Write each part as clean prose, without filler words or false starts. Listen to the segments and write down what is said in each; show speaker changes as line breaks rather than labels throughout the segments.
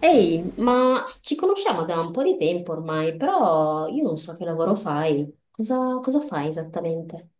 Ehi, ma ci conosciamo da un po' di tempo ormai, però io non so che lavoro fai. Cosa fai esattamente?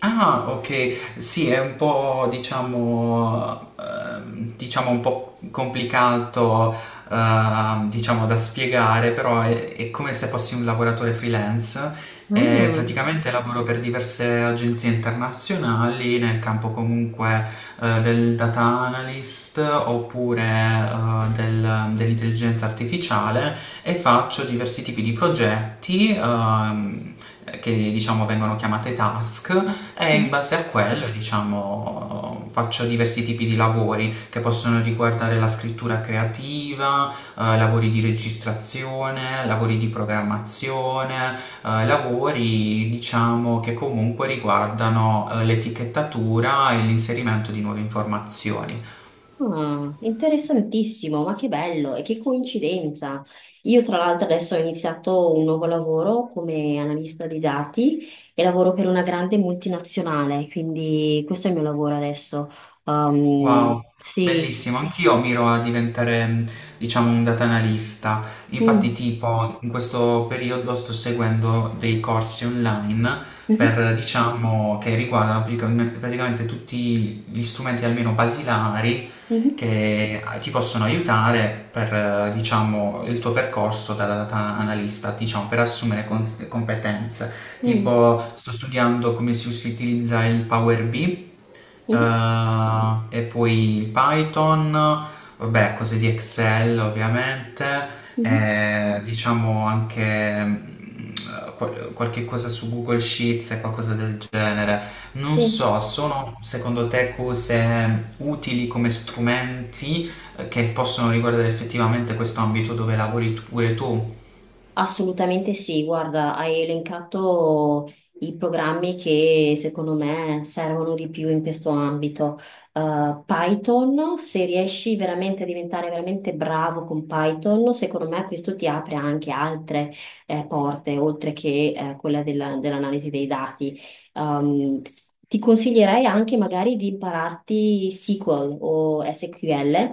Ah, ok, sì, è un po', diciamo, diciamo un po' complicato, diciamo, da spiegare, però è come se fossi un lavoratore freelance e
Mm.
praticamente lavoro per diverse agenzie internazionali nel campo comunque del data analyst oppure dell'intelligenza artificiale e faccio diversi tipi di progetti che diciamo vengono chiamate task e in base a quello, diciamo, faccio diversi tipi di lavori che possono riguardare la scrittura creativa, lavori di registrazione, lavori di programmazione, lavori, diciamo, che comunque riguardano l'etichettatura e l'inserimento di nuove informazioni.
Ah, interessantissimo, ma che bello e che coincidenza. Io tra l'altro adesso ho iniziato un nuovo lavoro come analista di dati e lavoro per una grande multinazionale, quindi questo è il mio lavoro adesso.
Wow,
Sì.
bellissimo. Anch'io miro a diventare, diciamo, un data analista. Infatti,
Mm.
tipo, in questo periodo sto seguendo dei corsi online
Mhm.
per, diciamo, che riguardano praticamente tutti gli strumenti almeno basilari
Mhm.
che ti possono aiutare per, diciamo, il tuo percorso da data analista, diciamo, per assumere competenze.
Mm.
Tipo, sto studiando come si utilizza il Power BI, eh,
Mhm.
e poi il Python, vabbè, cose di Excel ovviamente,
Mhm.
e diciamo anche qualche cosa su Google Sheets e qualcosa del genere. Non
Sì.
so, sono secondo te cose utili come strumenti che possono riguardare effettivamente questo ambito dove pure tu?
Assolutamente sì, guarda, hai elencato i programmi che secondo me servono di più in questo ambito. Python, se riesci veramente a diventare veramente bravo con Python, secondo me questo ti apre anche altre porte, oltre che dell'analisi dei dati. Um, ti consiglierei anche magari di impararti SQL o SQL,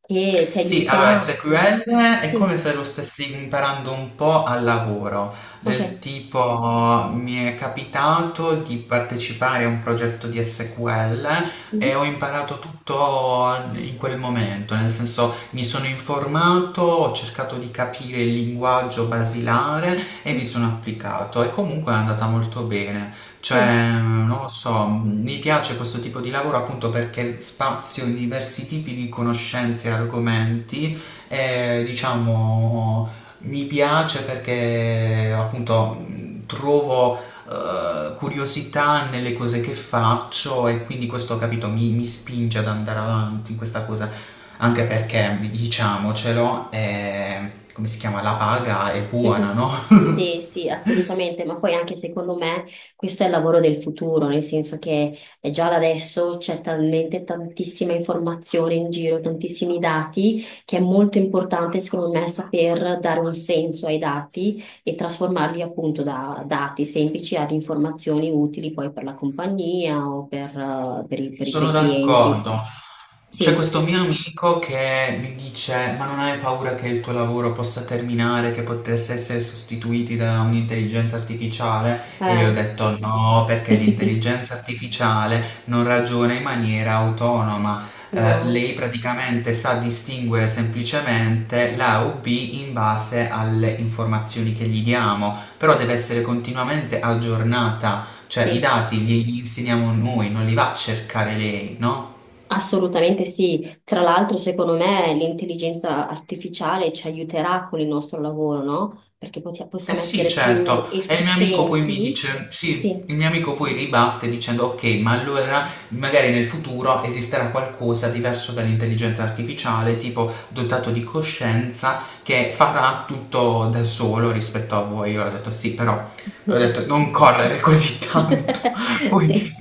che ti
Sì, allora
aiuta.
SQL è come
Sì,
se lo stessi imparando un po' al lavoro,
ok.
del tipo mi è capitato di partecipare a un progetto di SQL
Mhm.
e ho imparato tutto in quel momento, nel senso mi sono informato, ho cercato di capire il linguaggio basilare e mi sono applicato e comunque è andata molto bene.
Sì.
Cioè, non lo so, mi piace questo tipo di lavoro appunto perché spazio in diversi tipi di conoscenze e argomenti e diciamo mi piace perché appunto trovo curiosità nelle cose che faccio e quindi questo, capito, mi spinge ad andare avanti in questa cosa, anche perché diciamocelo, è, come si chiama, la paga è buona,
Mhm.
no?
Sì, sì, assolutamente, ma poi anche secondo me questo è il lavoro del futuro, nel senso che già da adesso c'è talmente tantissima informazione in giro, tantissimi dati, che è molto importante secondo me saper dare un senso ai dati e trasformarli appunto da dati semplici ad informazioni utili poi per la compagnia o per i
Sono
tuoi clienti.
d'accordo. C'è
Sì,
questo mio amico che mi dice: Ma non hai paura che il tuo lavoro possa terminare, che potesse essere sostituiti da un'intelligenza artificiale? E gli ho
eh.
detto: No, perché l'intelligenza artificiale non ragiona in maniera autonoma.
No,
Lei praticamente sa distinguere semplicemente l'A o B in base alle informazioni che gli diamo, però deve essere continuamente aggiornata cioè i
sì.
dati glieli insegniamo noi, non li va a cercare lei, no?
Assolutamente sì, tra l'altro secondo me l'intelligenza artificiale ci aiuterà con il nostro lavoro, no? Perché
Eh
possiamo
sì,
essere più
certo. E il mio amico poi mi
efficienti.
dice, sì, il
Sì.
mio amico poi ribatte dicendo, ok, ma allora magari nel futuro esisterà qualcosa diverso dall'intelligenza artificiale, tipo dotato di coscienza, che farà tutto da solo rispetto a voi. Io ho detto, sì, però, ho detto, non correre così tanto. Poi,
Sì.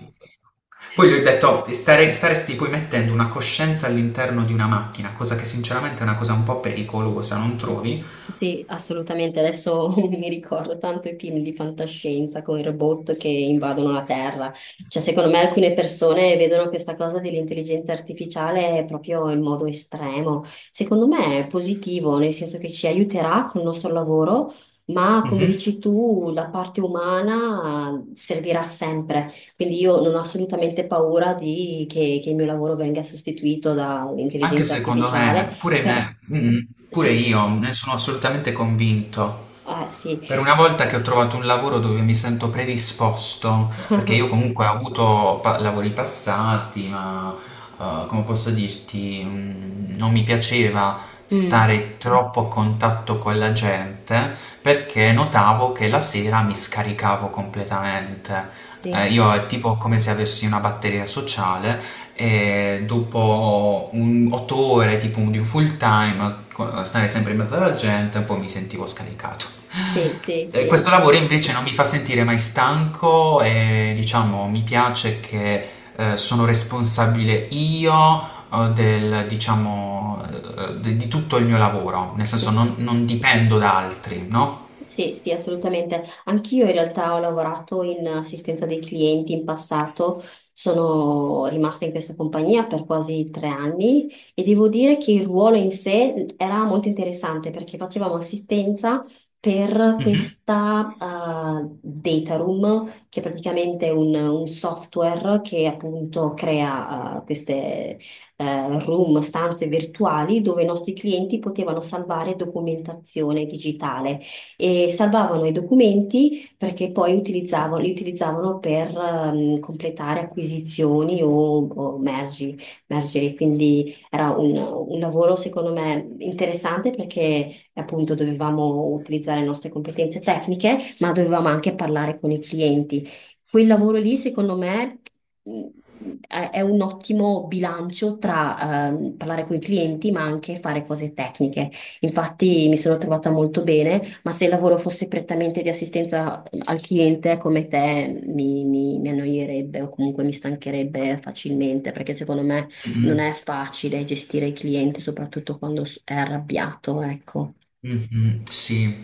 poi gli ho detto, staresti poi mettendo una coscienza all'interno di una macchina, cosa che sinceramente è una cosa un po' pericolosa, non trovi?
Sì, assolutamente. Adesso mi ricordo tanto i film di fantascienza con i robot che invadono la Terra. Cioè, secondo me alcune persone vedono questa cosa dell'intelligenza artificiale proprio in modo estremo. Secondo me è positivo, nel senso che ci aiuterà col nostro lavoro, ma come
Mhm.
dici tu, la parte umana servirà sempre. Quindi io non ho assolutamente paura che il mio lavoro venga sostituito
Anche
dall'intelligenza
secondo
artificiale,
me, pure
però
me, pure
sì.
io ne sono assolutamente convinto.
Ah, sì,
Per una volta che ho trovato un lavoro dove mi sento predisposto, perché io comunque ho avuto lavori passati, ma come posso dirti, non mi piaceva
Mm.
stare troppo a contatto con la gente perché notavo che la sera mi scaricavo completamente.
sì,
Io è tipo come se avessi una batteria sociale e dopo un otto ore tipo di un full time, stare sempre in mezzo alla gente, un po' mi sentivo scaricato.
sì, sì, sì.
Questo lavoro invece non mi fa sentire mai stanco e diciamo mi piace che sono responsabile io del, diciamo, di tutto il mio lavoro, nel senso non dipendo da altri, no?
Sì, sì, assolutamente. Anch'io in realtà ho lavorato in assistenza dei clienti in passato, sono rimasta in questa compagnia per quasi 3 anni e devo dire che il ruolo in sé era molto interessante perché facevamo assistenza per
Mhm.
questa data room, che è praticamente un software che appunto crea queste room, stanze virtuali dove i nostri clienti potevano salvare documentazione digitale e salvavano i documenti perché poi li utilizzavano per completare acquisizioni o mergi, mergeri. Quindi era un lavoro secondo me interessante perché appunto dovevamo utilizzare le nostre competenze tecniche, ma dovevamo anche parlare con i clienti. Quel lavoro lì, secondo me, mh, è un ottimo bilancio tra parlare con i clienti, ma anche fare cose tecniche. Infatti mi sono trovata molto bene, ma se il lavoro fosse prettamente di assistenza al cliente come te, mi annoierebbe o comunque mi stancherebbe facilmente, perché secondo me
Mm,
non
mm.
è facile gestire il cliente, soprattutto quando è arrabbiato, ecco.
Mh-mh, sì.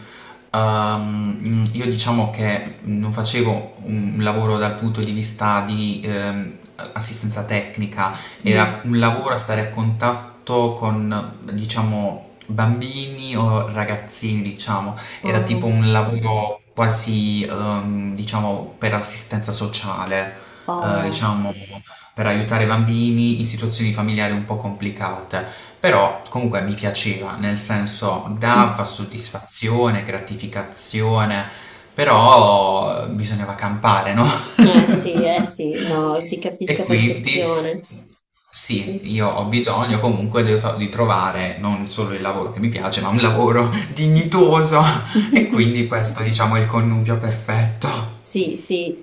Io diciamo che non facevo un lavoro dal punto di vista di, a assistenza tecnica, era
Mm.
un lavoro a stare a contatto con, diciamo, bambini o ragazzini, diciamo. Era tipo
Oh,
un lavoro quasi, diciamo, per assistenza sociale,
oh.
diciamo per aiutare bambini in situazioni familiari un po' complicate. Però comunque mi piaceva, nel senso
Mm.
dava soddisfazione, gratificazione, però bisognava campare, no?
Sì, eh sì, no, ti
E
capisco a
quindi
perfezione.
sì,
Sì.
io ho bisogno comunque di, so, di trovare non solo il lavoro che mi piace, ma un lavoro dignitoso. E quindi questo, diciamo, è il connubio perfetto.
Sì, sì,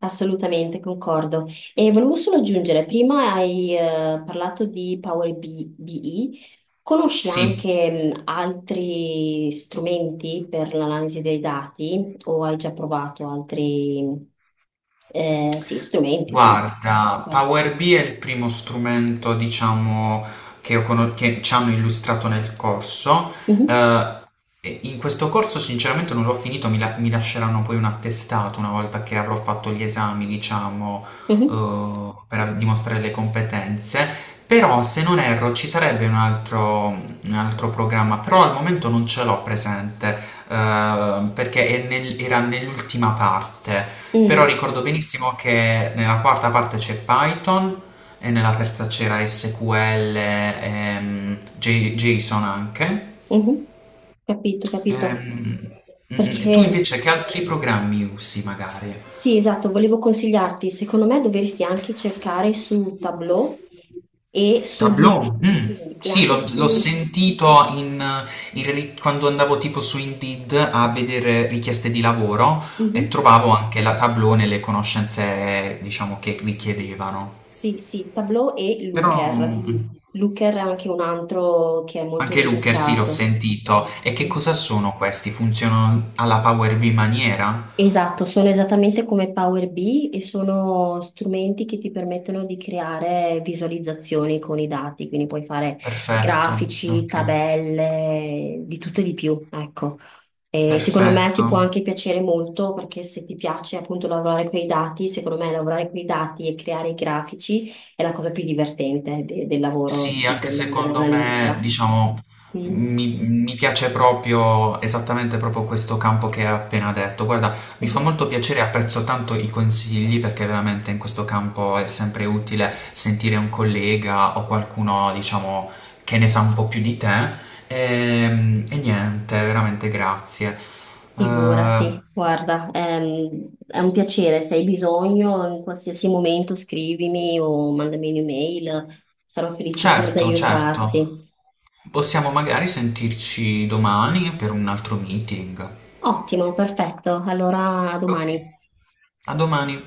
assolutamente, concordo. E volevo solo aggiungere, prima hai parlato di BI, conosci
Sì.
anche altri strumenti per l'analisi dei dati o hai già provato altri sì, strumenti, insomma?
Guarda,
Guarda.
Power BI è il primo strumento, diciamo, che, che ci hanno illustrato nel corso.
Mhm,
Eh, e in questo corso, sinceramente, non l'ho finito, mi lasceranno poi un attestato una volta che avrò fatto gli esami, diciamo,
mhm,
per dimostrare le competenze. Però, se non erro, ci sarebbe un altro programma, però al momento non ce l'ho presente perché è era nell'ultima parte. Però
mm,
ricordo benissimo che nella quarta parte c'è Python e nella terza c'era SQL, JSON anche.
mhm. Capito, capito.
Ehm, tu
Perché...
invece che altri programmi usi magari?
Sì, esatto, volevo consigliarti, secondo me dovresti anche cercare su Tableau e su
Tablò?
Look e
Sì,
anche
l'ho
su
sentito quando andavo tipo su Indeed a vedere richieste di lavoro e
Mhm.
trovavo anche la Tableau nelle conoscenze, diciamo, che richiedevano.
Sì, sì, Tableau e
Però
Looker. Looker è anche un altro che è molto
anche Looker sì, l'ho
ricercato.
sentito. E che cosa sono questi? Funzionano alla Power BI maniera?
Esatto, sono esattamente come Power BI e sono strumenti che ti permettono di creare visualizzazioni con i dati, quindi puoi fare
Perfetto,
grafici,
ok.
tabelle, di tutto e di più, ecco. E secondo me
Perfetto.
ti può anche piacere molto perché se ti piace appunto lavorare con i dati, secondo me lavorare con i dati e creare i grafici è la cosa più divertente del lavoro
Sì, anche secondo me,
dell'analista.
diciamo,
Mm.
mi piace proprio esattamente proprio questo campo che hai appena detto. Guarda, mi fa molto piacere e apprezzo tanto i consigli perché veramente in questo campo è sempre utile sentire un collega o qualcuno, diciamo, che ne sa un po' più di te. E niente, veramente grazie. Eh,
Figurati, guarda, è un piacere, se hai bisogno in qualsiasi momento scrivimi o mandami un'email, sarò felicissima di
certo, certo.
aiutarti.
Possiamo magari sentirci domani per un altro meeting.
Ottimo, perfetto, allora a
Ok,
domani.
a domani.